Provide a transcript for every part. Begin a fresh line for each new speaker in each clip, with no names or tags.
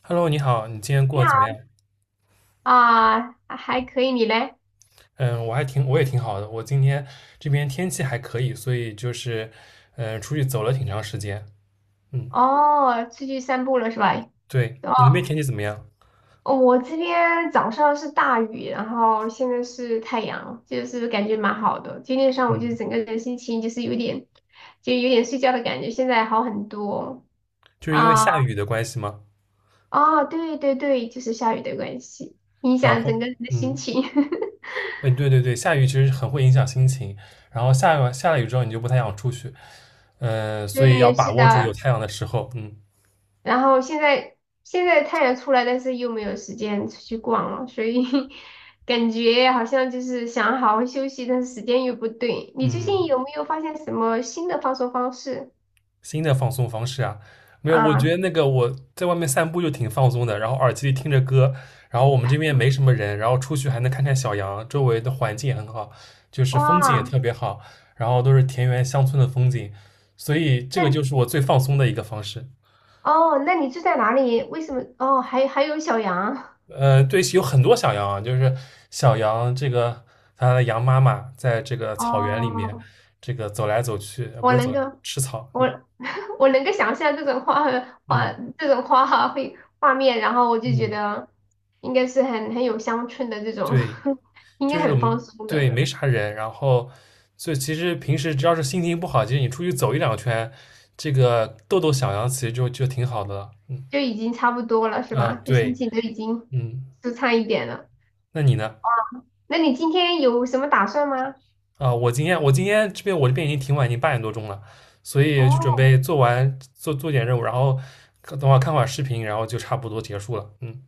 Hello，你好，你今天过
你
得怎么
好
样？
啊，还可以，你嘞？
嗯，我也挺好的。我今天这边天气还可以，所以就是，出去走了挺长时间。嗯，
哦，出去散步了是吧？
对，
哦，
你那边天气怎么样？
哦我这边早上是大雨，然后现在是太阳，就是感觉蛮好的。今天上午就
嗯，
是整个人心情就是有点，就有点睡觉的感觉，现在好很多
就是因为
啊。
下雨的关系吗？
哦，对对对，就是下雨的关系，影
然
响
后，
整个人的心情。
哎，对对对，下雨其实很会影响心情。然后下了雨之后，你就不太想出去，所以要
对，
把
是
握住有
的，
太阳的时候。嗯
然后现在太阳出来，但是又没有时间出去逛了，所以 感觉好像就是想好好休息，但是时间又不对。你最
嗯。
近有没有发现什么新的放松方式
新的放松方式啊，没有，我觉
啊？
得那个我在外面散步就挺放松的，然后耳机里听着歌，然后我们这边没什么人，然后出去还能看看小羊，周围的环境也很好，就是风景也
哇，
特别好，然后都是田园乡村的风景，所以这个
那
就是我最放松的一个方式。
哦，那你住在哪里？为什么？哦，还有小杨
对，有很多小羊啊，就是小羊这个它的羊妈妈在这个草原里面
哦，
这个走来走去，不
我
是走
能
来
够，
吃草，嗯
我 我能够想象画
嗯
这种画面，然后我就觉
嗯，
得应该是很有乡村的这种，
对。
应
就
该
是
很
我
放
们
松
对
的，
没啥人，然后所以其实平时只要是心情不好，其实你出去走一两圈，这个逗逗小羊其实就挺好的了。嗯
就已经差不多了，是
啊，
吧？就心
对，
情都已经
嗯，
舒畅一点了。
那你呢？
那你今天有什么打算吗？
啊，我今天我这边已经挺晚，已经八点多钟了，所以就准
哦
备做完做做点任务，然后等会儿看会儿视频，然后就差不多结束了。嗯，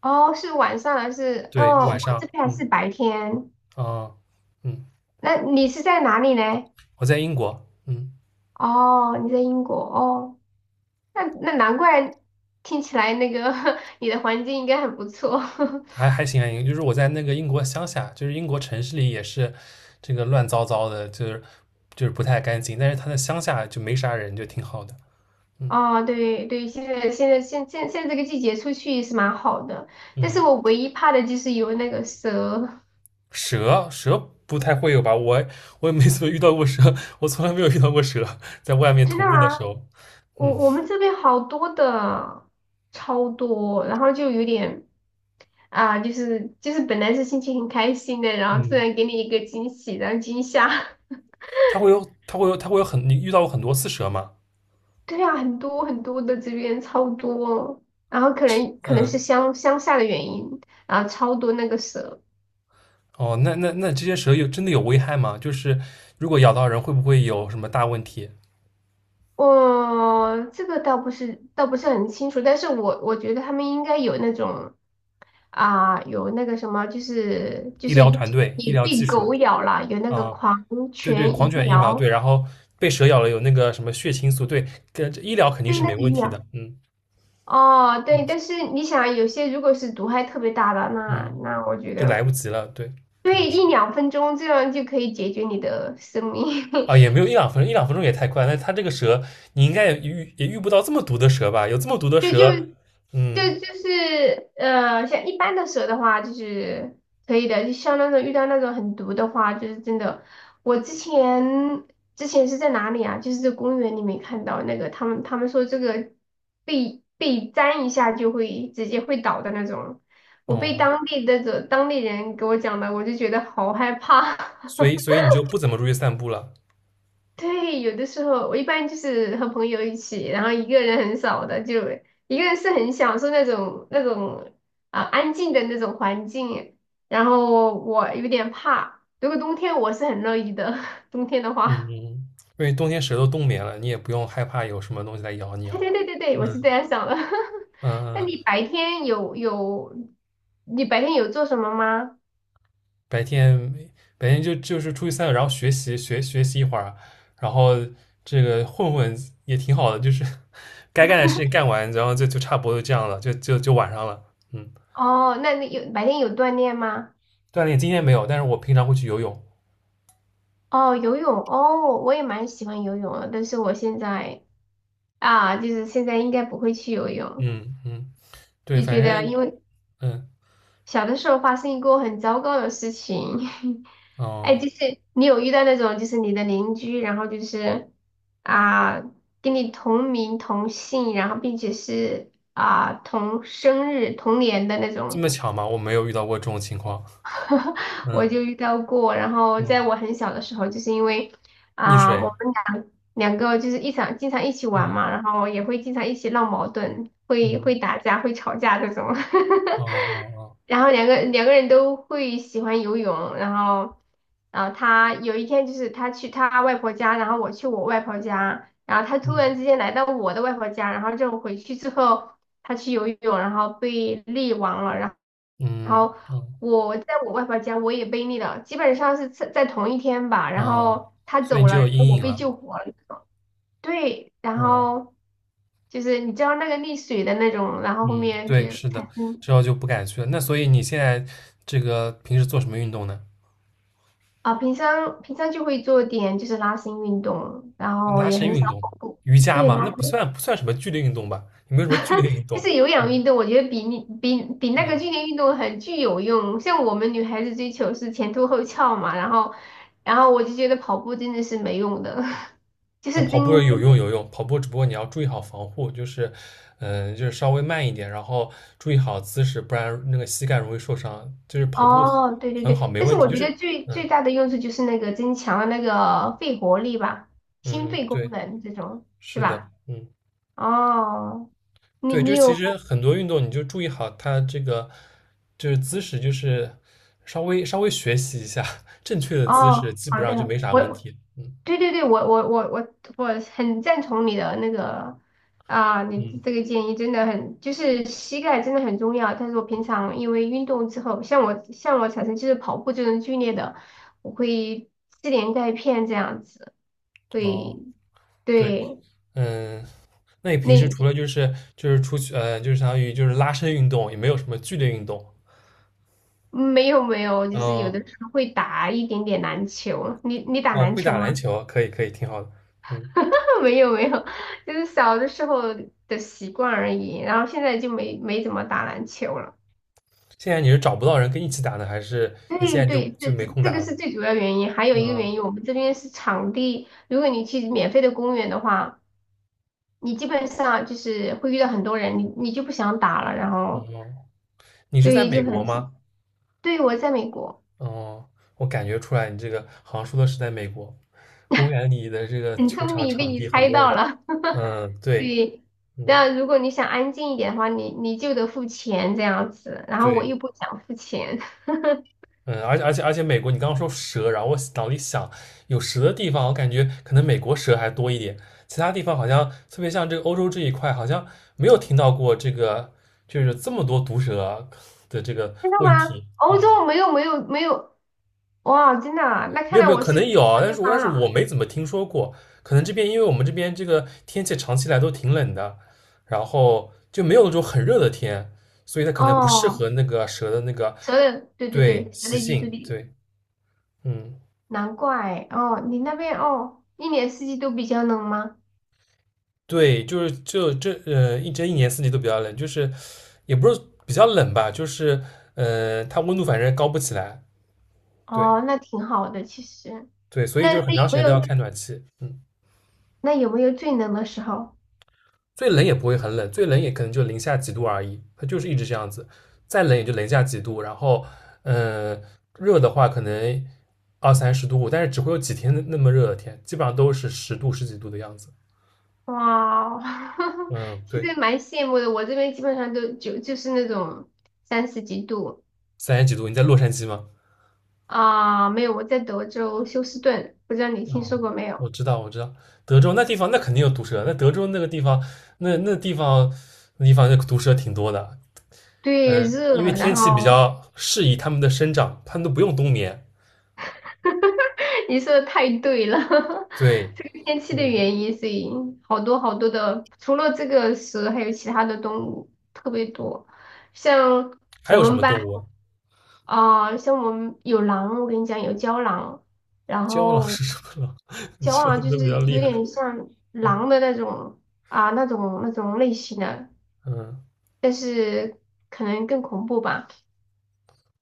哦，是晚上还是？
对，
哦，
晚
我
上，
这边还
嗯
是白天。
啊，嗯，
那你是在哪里呢？
我在英国，嗯。
哦，你在英国哦。那难怪听起来那个 你的环境应该很不错。
还行还行，就是我在那个英国乡下，就是英国城市里也是这个乱糟糟的，就是不太干净，但是它在乡下就没啥人，就挺好的。嗯
哦，对对，现在这个季节出去也是蛮好的，但
嗯，
是我唯一怕的就是有那个蛇。
蛇不太会有吧？我也没怎么遇到过蛇，我从来没有遇到过蛇，在外面
真
徒
的
步的时
吗？
候。
我
嗯
我们这边好多的，超多，然后就有点啊，就是本来是心情很开心的，然后突
嗯，
然给你一个惊喜，然后惊吓。
它会有它会有它会有很你遇到过很多次蛇吗？
对啊，很多很多的这边超多，然后可能是
嗯
乡下的原因，然后超多那个蛇。
哦，那这些蛇真的有危害吗？就是如果咬到人，会不会有什么大问题？
我这个倒不是很清楚，但是我觉得他们应该有那种啊、有那个什么，就是就
医
是
疗团队、医
你
疗
被
技术？
狗咬了，有那个
啊，
狂
对对，
犬
狂
疫
犬疫苗
苗，
对，然后被蛇咬了有那个什么血清素，对，跟医疗肯定
对
是
那
没
个疫
问题
苗。
的，嗯
哦，
嗯
对，但是你想啊，有些如果是毒害特别大的，那
嗯，
那我觉
就来
得
不及了，对，可能
对
是
一两分钟这样就可以解决你的生命。
啊，也没有一两分钟，一两分钟也太快，那它这个蛇你应该也遇不到这么毒的蛇吧？有这么毒的
就就
蛇，嗯
就是呃，像一般的蛇的话，就是可以的。就像那种遇到那种很毒的话，就是真的。我之前是在哪里啊？就是在公园里面看到那个，他们说这个被粘一下就会直接会倒的那种。我被
哦，
当地的当地人给我讲的，我就觉得好害怕。
所以你就不怎么出去散步了，
对，有的时候我一般就是和朋友一起，然后一个人很少的，就一个人是很享受那种啊、安静的那种环境。然后我有点怕，如果冬天我是很乐意的，冬天的
嗯嗯，嗯
话，
因为冬天蛇都冬眠了，你也不用害怕有什么东西来咬你
对
了，
对对对对，我是
嗯
这样想的。
嗯
那
嗯。
你白天有做什么吗？
白天就是出去散散，然后学习一会儿，然后这个混混也挺好的，就是 该干的事情干完，然后就差不多就这样了，就晚上了。嗯，
哦，那你白天有锻炼吗？
锻炼今天没有，但是我平常会去游泳。
哦，游泳哦，我也蛮喜欢游泳的，但是我现在。就是现在应该不会去游泳，
嗯嗯，对，
就觉
反
得
正
因为
嗯
小的时候发生一个很糟糕的事情，哎，
哦，
就是你有遇到那种就是你的邻居，然后就是啊跟你同名同姓，然后并且是同生日同年的那
这
种。
么巧吗？我没有遇到过这种情况。
我
嗯
就遇到过。然后
嗯，
在我很小的时候，就是因为
溺
我
水。
们两个就是一场经常一起玩嘛，
嗯
然后也会经常一起闹矛盾，会
嗯
会打架，会吵架这种。
哦 哦哦
然后两个人都会喜欢游泳，然后，然后，他有一天就是他去他外婆家，然后我去我外婆家，然后他突然之
嗯
间来到我的外婆家，然后就回去之后，他去游泳，然后被溺亡了，然后，然
嗯
后
哦
我在我外婆家我也被溺了，基本上是在同一天吧，然
哦，
后他
所以
走
你
了，
就
然
有
后
阴
我
影
被
了。
救活了那种，对，然
哦。
后就是你知道那个溺水的那种，然后后
嗯，
面就
对，是的，
产生。
之后就不敢去了。那所以你现在这个平时做什么运动呢？
啊，平常就会做点就是拉伸运动，然后
拉
也
伸
很
运
少
动、
跑步。
瑜伽
对，
嘛，
拉
那不
伸
算不算什么剧烈运动吧？有没有什么剧烈运
就
动？
是有氧运动，我觉得比你比比那个
嗯，
剧烈运动很具有用。像我们女孩子追求是前凸后翘嘛，然后我就觉得跑步真的是没用的，就
那
是
跑步
增
有
增
用有用，跑步只不过你要注意好防护，就是稍微慢一点，然后注意好姿势，不然那个膝盖容易受伤。就是跑步
哦，对对
很
对。
好，没
但是
问题。
我
就
觉
是
得最
嗯
最大的用处就是那个增强了那个肺活力吧，心
嗯，
肺功
对，
能这种是
是的，
吧？
嗯。
哦，你
对，
你
就是其
有
实很多运动，你就注意好它这个就是姿势，就是稍微稍微学习一下 正确的姿势，
哦，
基
好
本上就
的。
没啥问
我
题。嗯
对对对，我很赞同你的那个啊，你
嗯，
这个建议真的很，就是膝盖真的很重要。但是我平常因为运动之后，像我产生就是跑步这种剧烈的，我会吃点钙片这样子，
哦，
会
对，
对
嗯，那你平时除了
那
就是出去就是相当于就是拉伸运动，也没有什么剧烈运动。
没有没有，就
嗯、
是有
呃
的时候会打一点点篮球。你打
哦，
篮
会
球
打篮
吗？
球，可以可以，挺好的。嗯，
没有没有，就是小的时候的习惯而已，然后现在就没怎么打篮球了。
现在你是找不到人跟一起打呢，还是你现
对
在就
对，这
就没
这
空
这
打
个
了？
是最主要原因，还有一个原
嗯，
因，我们这边是场地。如果你去免费的公园的话，你基本上就是会遇到很多人，你就不想打了，然后
哦，你是在
对，
美
就
国
很少。
吗？
对，我在美国，
哦，我感觉出来你这个好像说的是在美国，公园里的这个
很
球
聪
场
明，被
场
你
地很
猜
多人，
到了。
嗯，对，
对，
嗯，
那如果你想安静一点的话，你就得付钱这样子，然后我又
对，
不想付钱，
嗯，而且美国，你刚刚说蛇，然后我脑里想有蛇的地方，我感觉可能美国蛇还多一点，其他地方好像特别像这个欧洲这一块，好像没有听到过这个就是这么多毒蛇的这个
真的
问
吗？
题，嗯。
欧洲没有没有没有，哇，真的啊那
没
看
有
来
没有，
我是
可能
错
有啊但
地
是
方
我
了。
没怎么听说过。可能这边因为我们这边这个天气长期来都挺冷的，然后就没有那种很热的天，所以它可能不适
哦，
合那个蛇的那个
蛇的，对对
对
对，蛇
习
的居住
性。
地。
对，嗯，
难怪哦，你那边哦，一年四季都比较冷吗？
对，就是一年四季都比较冷，就是也不是比较冷吧，就是它温度反正高不起来。
哦，
对
那挺好的，其实。
对，所
那
以就
那
是很长
有
时
没
间都要
有
开暖气。嗯。
那有没有最冷的时候？
最冷也不会很冷，最冷也可能就零下几度而已，它就是一直这样子。再冷也就零下几度，然后嗯、呃热的话可能二三十度，但是只会有几天那么热的天，基本上都是十度十几度的样子。
哇哦，
嗯，
其
对，
实蛮羡慕的。我这边基本上都就是那种三十几度
三十几度。你在洛杉矶吗？
啊，没有。我在德州休斯顿，不知道你听
哦，
说过没
我
有？
知道，我知道，德州那地方那肯定有毒蛇，那德州那个地方，那那地方那地方那毒蛇挺多的。
对，
嗯，
热，
因为天
然
气比
后
较适宜它们的生长，它们都不用冬眠。
你说的太对了，
对，
这个天气的
嗯。
原因，所以好多好多的，除了这个蛇，还有其他的动物特别多。像
还
我
有什
们
么
班
动物啊？
像我们有狼，我跟你讲有郊狼，然
郊狼
后
是什么狼？你
郊
说
狼
的
就
都比
是
较厉
有
害。
点像狼的那种啊、那种那种类型的，
嗯，
但是可能更恐怖吧。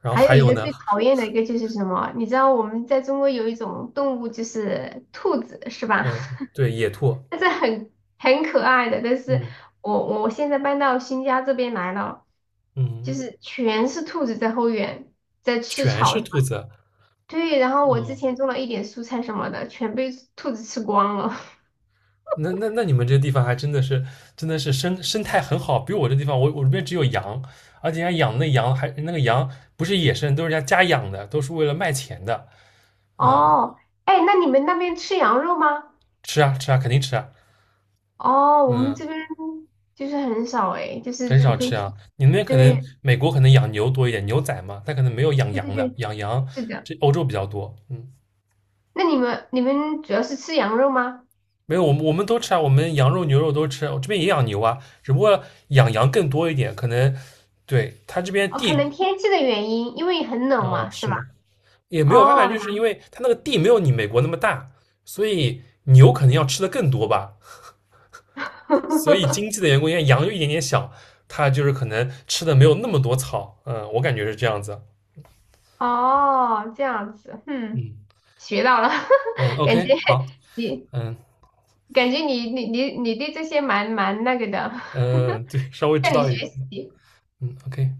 然后
还有
还
一
有
个
呢，
最讨厌的一个就是什么？你知道我们在中国有一种动物就是兔子，是吧？
嗯，对，野兔，
但是很可爱的。但是
嗯
我现在搬到新家这边来了，就
嗯，
是全是兔子在后院在吃
全
草
是
什么。
兔子。
对，然后我之
嗯，
前种了一点蔬菜什么的，全被兔子吃光了。
那你们这地方还真的是生态很好，比我这地方，我这边只有羊，而且人家养的羊还那个羊不是野生，都是人家家养的，都是为了卖钱的。嗯，
哦，哎，那你们那边吃羊肉吗？
吃啊吃啊，肯定吃啊。
哦，我们这
嗯。
边就是很少哎，就是
很
除
少
非
吃啊。
去
你那边可能
对
美国可能养牛多一点，牛仔嘛，它可能没有养
对对
羊的，
对，
养羊
是的。
这欧洲比较多。嗯，
那你们主要是吃羊肉吗？
没有，我们都吃啊，我们羊肉、牛肉都吃，我这边也养牛啊，只不过养羊更多一点，可能对他这边
哦，可能
地
天气的原因，因为很冷嘛，是
是
吧？
吗？也没有办法，
哦，
就是因为他那个地没有你美国那么大，所以牛可能要吃的更多吧。所以经 济的缘故，因为羊又一点点小，它就是可能吃的没有那么多草。嗯，我感觉是这样子。
哦，这样子，嗯，
嗯
学到了，
嗯
感
，OK，
觉
好，
你
嗯。
感觉你对这些蛮那个的，
嗯，对，稍微 知
向你
道一点。
学习。
嗯，OK。